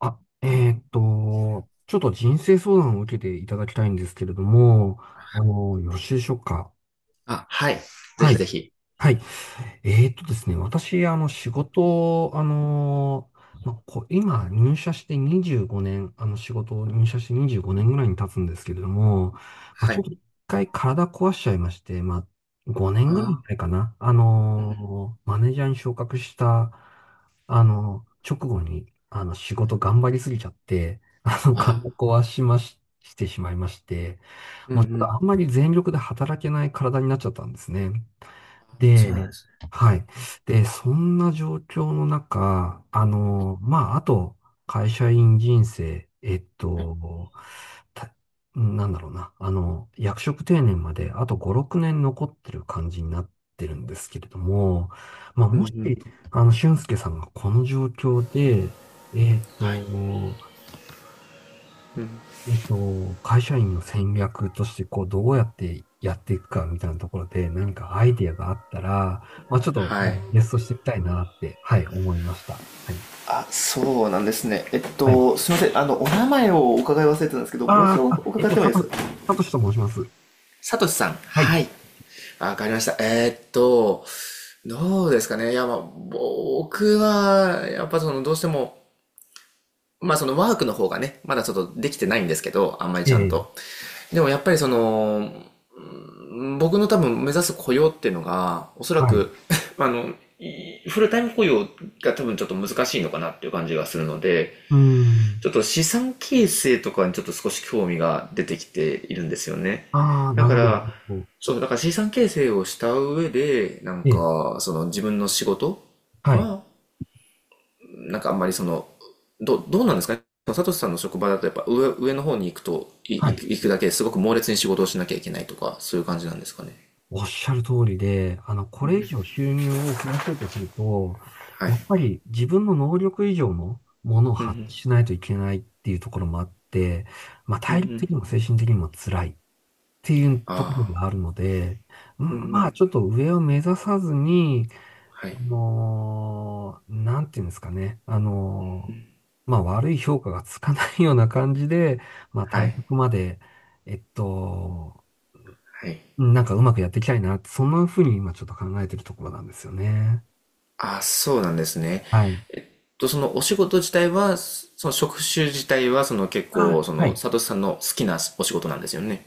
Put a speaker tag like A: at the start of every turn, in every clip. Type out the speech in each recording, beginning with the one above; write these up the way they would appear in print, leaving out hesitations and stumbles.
A: ちょっと人生相談を受けていただきたいんですけれども、よろしいでしょうか。
B: あ、はい。ぜ
A: は
B: ひ
A: い。
B: ぜひ。
A: はい。ですね、私、仕事を、まあ、こう、今、入社して25年、仕事を入社して25年ぐらいに経つんですけれども、まあ、
B: は
A: ちょっ
B: い。
A: と一回体壊しちゃいまして、まあ、5年ぐらい
B: あ
A: 前かな、
B: ー、うんうん、
A: マネージャーに昇格した、直後に、仕
B: は
A: 事
B: い。
A: 頑張りすぎちゃって、あの、体
B: ああ、
A: 壊しまし、してしまいまして、
B: うん
A: もうちょ
B: う
A: っと
B: ん。
A: あんまり全力で働けない体になっちゃったんですね。
B: ああ、そうなん
A: で、
B: ですね。
A: はい。で、そんな状況の中、
B: はい、
A: まあ、あと、会社員人生、
B: はい、
A: たなんだろうな、役職定年まであと5、6年残ってる感じになってるんですけれども、まあ、
B: うん
A: もし、
B: うん。
A: 俊介さんがこの状況で、えっ
B: はい、
A: と、
B: うん。
A: 会社員の戦略として、こう、どうやってやっていくかみたいなところで、何かアイディアがあったら、まあ、ちょっ
B: は
A: と、
B: い。
A: ゲストしてみたいなって、はい、思いました。はい。
B: あ、そうなんですね。
A: はい。
B: すみません。お名前をお伺い忘れてたんですけど、もう一
A: あ
B: 度お
A: ーあ、あえっ
B: 伺っ
A: と、
B: てもい
A: さ
B: いです
A: と、
B: か。
A: さとしと申します。
B: サトシさん。
A: は
B: は
A: い。
B: い。あ、わかりました。どうですかね。いや、まあ、僕は、やっぱその、どうしても、まあそのワークの方がね、まだちょっとできてないんですけど、あんまり
A: え
B: ちゃん
A: え、
B: と。でもやっぱりその、僕の多分目指す雇用っていうのが、おそら
A: はい。う
B: く あの、フルタイム雇用が多分ちょっと難しいのかなっていう感じがするので、
A: ーん。
B: ちょっと資産形成とかにちょっと少し興味が出てきているんですよね。
A: ああ、
B: だ
A: なる
B: か
A: ほ
B: ら、
A: ど。
B: そう、だから資産形成をした上で、なん
A: ええ、
B: か、その自分の仕事
A: はい。
B: は、なんかあんまりその、どうなんですかね。サトシさんの職場だとやっぱ上の方に行くと、
A: は
B: 行く
A: い。
B: 行くだけですごく猛烈に仕事をしなきゃいけないとか、そういう感じなんですかね。
A: おっしゃる通りで、これ以上収入を増やそうとすると、
B: はい。
A: やっぱり自分の能力以上のものを発揮しないといけないっていうところもあって、まあ、体力的にも精神的にも辛いっていうところ
B: あ
A: があるので、んまあ、ちょっと上を目指さずに、
B: あ、はい。
A: なんていうんですかね、まあ、悪い評価がつかないような感じで、まあ、
B: は
A: 対
B: い。
A: 局まで、えっと、
B: はい。
A: うんなんかうまくやっていきたいなって、そんな風に今ちょっと考えてるところなんですよね。
B: ああ、そうなんですね。
A: はい。
B: と、そのお仕事自体は、その職種自体は、その結構、そ
A: は
B: の、
A: い。
B: サトシさんの好きなお仕事なんですよね。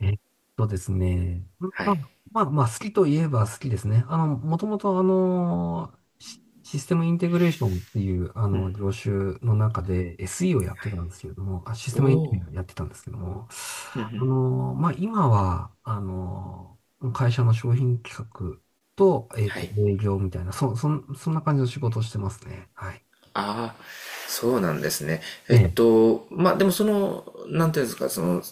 A: えっですね。
B: は
A: まあ、
B: い。
A: まあ好きといえば好きですね。もともとシステムインテグレーションっていう、業種の中で SE をやってたんですけれども、シス
B: お
A: テムインテグレー
B: お、
A: ションやってたんですけども、まあ、今は、会社の商品企画と、
B: はい。
A: 営業みたいな、そんな感じの仕事をしてますね。はい。
B: ああ、そうなんですね。
A: ええ、
B: まあ、でもその、なんていうんですか、その、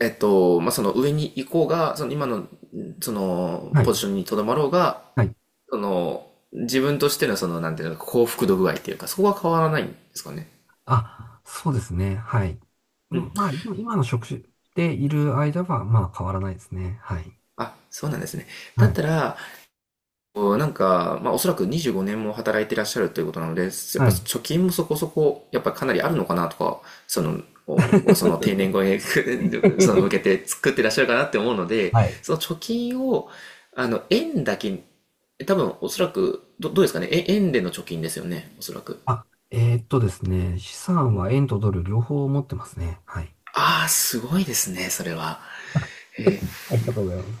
B: まあ、その上に行こうが、その今の、その、
A: はい、
B: ポジションにとどまろうが、
A: はい。
B: その、自分としてのその、なんていうの、幸福度具合っていうか、そこは変わらないんですかね。
A: そうですね。はい。うんまあ、今の職種でいる間は、まあ、変わらないですね。はい。
B: あ、そうなんですね。だ
A: は
B: っ
A: い。
B: たら、こうなんか、まあ、おそらく25年も働いていらっしゃるということなので、やっぱ
A: はい。
B: 貯金もそこそこ、やっぱかなりあるのかなとか、その、おその定年後へ その向け て作ってらっしゃるかなって思うので、
A: はい。
B: その貯金を、円だけ、多分おそらく、どうですかね、え円での貯金ですよね、おそらく。
A: ですね。資産は円とドル両方持ってますね。はい。
B: ああ、すごいですね、それは。
A: あありがとうございます。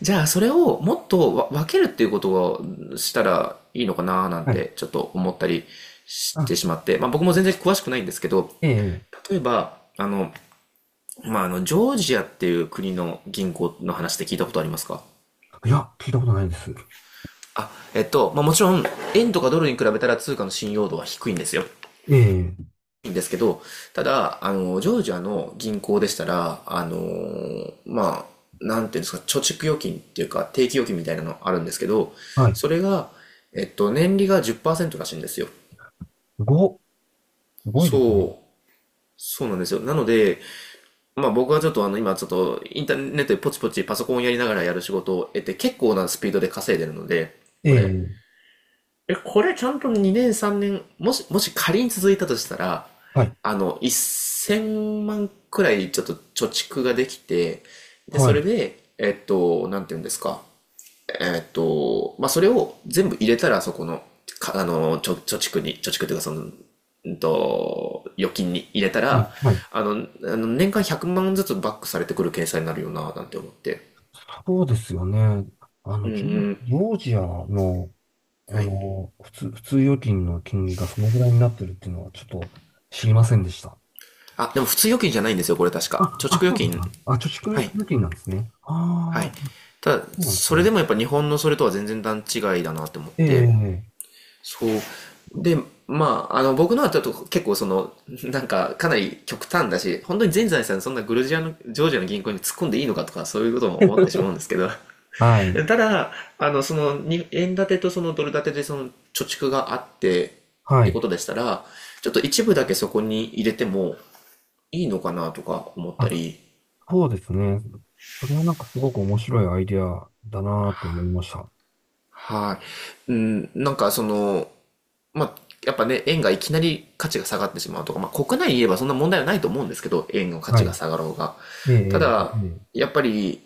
B: じゃあそれをもっと分けるっていうことをしたらいいのかななん
A: はい。
B: てちょっと思ったりして
A: あ、
B: しまって、まあ僕も全然詳しくないんですけど、
A: ええ、
B: 例えば、まあジョージアっていう国の銀行の話で聞いたことありますか。
A: いや、聞いたことないです。
B: あ、まあもちろん、円とかドルに比べたら通貨の信用度は低いんですよ。
A: ええ、
B: んですけど、ただ、ジョージアの銀行でしたら、あのまあ、なんていうんですか、貯蓄預金っていうか、定期預金みたいなのあるんですけど、
A: はい。
B: それが、年利が10%らしいんですよ。
A: ご、すごいですね。
B: そう、そうなんですよ。なので、まあ僕はちょっと今ちょっとインターネットでポチポチパソコンやりながらやる仕事を得て、結構なスピードで稼いでるので、これ。
A: ええ、
B: え、これちゃんと2年3年、もし仮に続いたとしたら、
A: はい。
B: 1000万くらいちょっと貯蓄ができて、で、
A: は
B: そ
A: い。は
B: れ
A: い。
B: で、なんて言うんですか。まあ、それを全部入れたら、そこの、か、あの、貯蓄に、貯蓄というか、その、預金に入れた
A: は
B: ら、
A: い、
B: あの、あの年間100万ずつバックされてくる計算になるよな、なんて思って。
A: そうですよね。
B: うんうん。
A: ジョージアの、
B: はい。
A: 普通預金の金利がそのぐらいになってるっていうのはちょっと知りませんでした。
B: あ、でも普通預金じゃないんですよ、これ確
A: あ、
B: か。貯蓄預
A: そうです
B: 金。
A: か。貯蓄
B: はい。
A: 預金なんですね。
B: は
A: ああ、
B: い。ただ、
A: そうなんです
B: それ
A: ね。
B: でもやっぱ日本のそれとは全然段違いだなって思っ
A: え
B: て、
A: え、
B: そう。で、まあ、僕のはちょっと結構その、なんか、かなり極端だし、本当に全財産そんなグルジアの、ジョージアの銀行に突っ込んでいいのかとか、そういうことも思ってしまうんですけど、
A: はい、
B: ただ、その、に円建てとそのドル建てでその、貯蓄があって、っ
A: は
B: て
A: い。
B: ことでしたら、ちょっと一部だけそこに入れてもいいのかなとか思った
A: あ、
B: り、
A: そうですね。それはなんかすごく面白いアイデアだなーって思いました。
B: はい。うん、なんかその、まあ、やっぱね、円がいきなり価値が下がってしまうとか、まあ、国内に言えばそんな問題はないと思うんですけど、円の価
A: は
B: 値が
A: い。
B: 下がろうが。
A: ええ、
B: た
A: え
B: だ、
A: え、ええ、
B: やっぱり、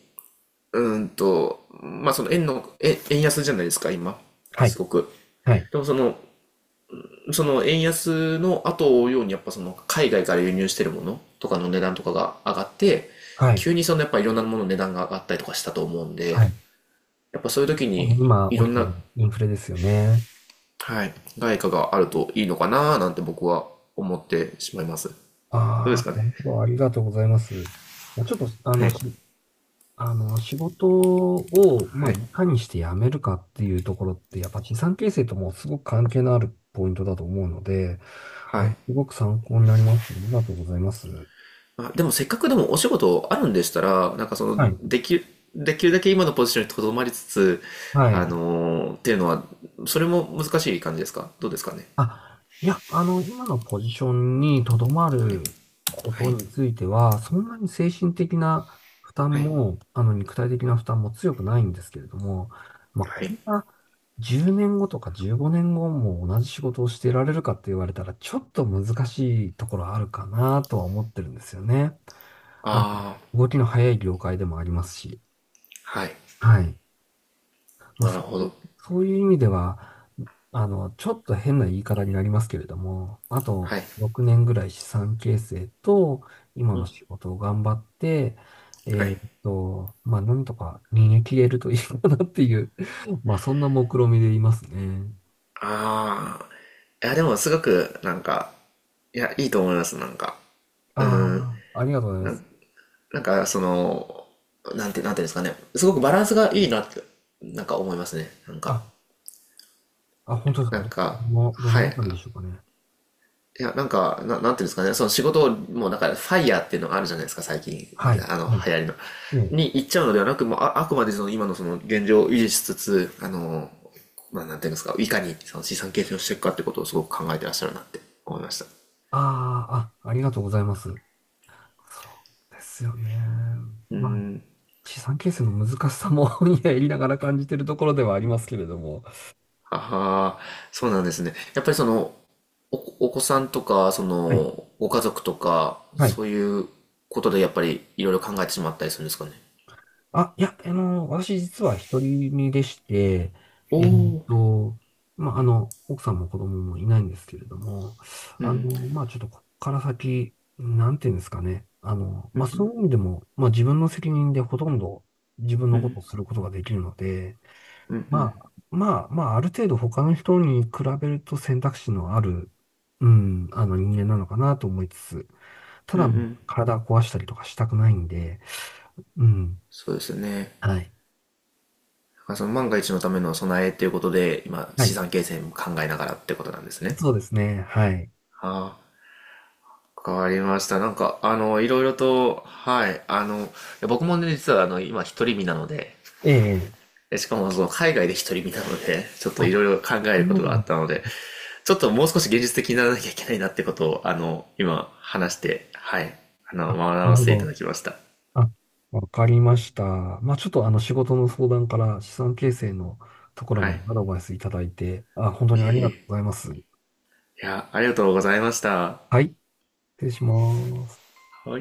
B: まあ、その円の、え円安じゃないですか、今。
A: は
B: す
A: い、
B: ごく。
A: はい、
B: でもその、その円安の後を追うように、やっぱその海外から輸入してるものとかの値段とかが上がって、
A: はい、
B: 急にそのやっぱいろんなものの値段が上がったりとかしたと思うんで、
A: はい。
B: やっぱそういう時に
A: 今、
B: いろ
A: 起
B: ん
A: きて
B: な、
A: るインフレですよね。
B: はい、外貨があるといいのかなーなんて僕は思ってしまいます。どうで
A: ああ、
B: すかね。
A: なるほど。ありがとうございます。ちょっと、あ
B: は
A: の、
B: い。
A: 知あの、仕事を、ま
B: は
A: あ、
B: い。
A: いかにして辞めるかっていうところって、やっぱ資産形成ともすごく関係のあるポイントだと思うので、
B: はい。
A: すごく参考になりました。ありがとうございます。
B: あ、でもせっかくでもお仕事あるんでしたら、なんかそ
A: は
B: の、
A: い。
B: できるだけ今のポジションにとどまりつつ、
A: は
B: あ
A: い。
B: のーっていうのは、それも難しい感じですかどうですかね。
A: いや、今のポジションにとどま
B: はい。
A: るこ
B: は
A: と
B: い。
A: については、そんなに精神的な負
B: は
A: 担
B: い。
A: も、肉体的な負担も強くないんですけれども、まあ、
B: は
A: こ
B: い。
A: れが10年後とか15年後も同じ仕事をしていられるかって言われたら、ちょっと難しいところあるかなとは思ってるんですよね。あの、
B: あ
A: 動きの早い業界でもありますし、
B: あ、はい。
A: はい。まあ、
B: なるほど。
A: そういう意味では、ちょっと変な言い方になりますけれども、あと
B: はい。
A: 6年ぐらい資産形成と、今
B: う
A: の仕
B: ん。
A: 事を頑張って、
B: はい。
A: まあ、なんとか逃げ切れるといいかなっていう、まあ、そんな目論見でいますね。
B: ああ。いや、でもすごく、なんか、いや、いいと思います、なんか。う
A: ああ、ありがとうございます。
B: ん、なんか、その、なんていうんですかね。すごくバランスがいいなって、なんか思いますね。なんか、
A: あ、本当ですか。
B: なんか、
A: ど
B: は
A: の
B: い。
A: あたりでしょうかね。
B: いや、なんか、なんていうんですかね。その仕事を、もうなんか、ファイヤーっていうのがあるじゃないですか、最近。
A: はい。はい。
B: 流行りの。
A: ええ。
B: に行っちゃうのではなく、もうあ、あくまでその今のその現状を維持しつつ、まあ、なんていうんですか、いかにその資産形成をしていくかってことをすごく考えてらっしゃるなって思いました。
A: ああ、ありがとうございます。そうですよね。まあ資産形成の難しさも いや、やりながら感じてるところではありますけれども。
B: ああ、そうなんですね。やっぱりその、お子さんとか、そ
A: はい。
B: の、ご家族とか、
A: はい。
B: そういうことでやっぱりいろいろ考えてしまったりするんですかね。
A: いや、私実は一人身でして、
B: お
A: えっ
B: お。
A: と、まあ、奥さんも子供もいないんですけれども、あの、まあ、ちょっとこっから先、なんていうんですかね。まあ、そういう意味でも、まあ、自分の責任でほとんど自分のことをすることができるので、まあ、ある程度他の人に比べると選択肢のある、人間なのかなと思いつつ、ただ、体壊したりとかしたくないんで、うん、
B: そうですよね。
A: はい。
B: だからその万が一のための備えということで、今、
A: は
B: 資
A: い。
B: 産形成も考えながらってことなんですね。
A: そうですね、はい。
B: ああ、変わりました。なんか、いろいろと、はい、いや僕もね、実は今、一人身なので、
A: ええ、
B: しかもその海外で一人見たので、ちょっといろい
A: あ、
B: ろ考え
A: そ
B: ること
A: う
B: があ
A: な
B: っ
A: ん
B: たので、ちょっともう少し現実的にならなきゃいけないなってことを、今話して、はい、
A: あ、
B: 学
A: な
B: ば
A: るほ
B: せていた
A: ど。
B: だきました。
A: あ、わかりました。まあ、ちょっとあの仕事の相談から資産形成のところ
B: は
A: まで
B: い。
A: アドバイスいただいて、本当
B: い
A: にあ
B: え
A: り
B: い
A: がとうご
B: え。
A: ざいます。
B: いや、ありがとうございました。は
A: はい、失礼します。
B: い。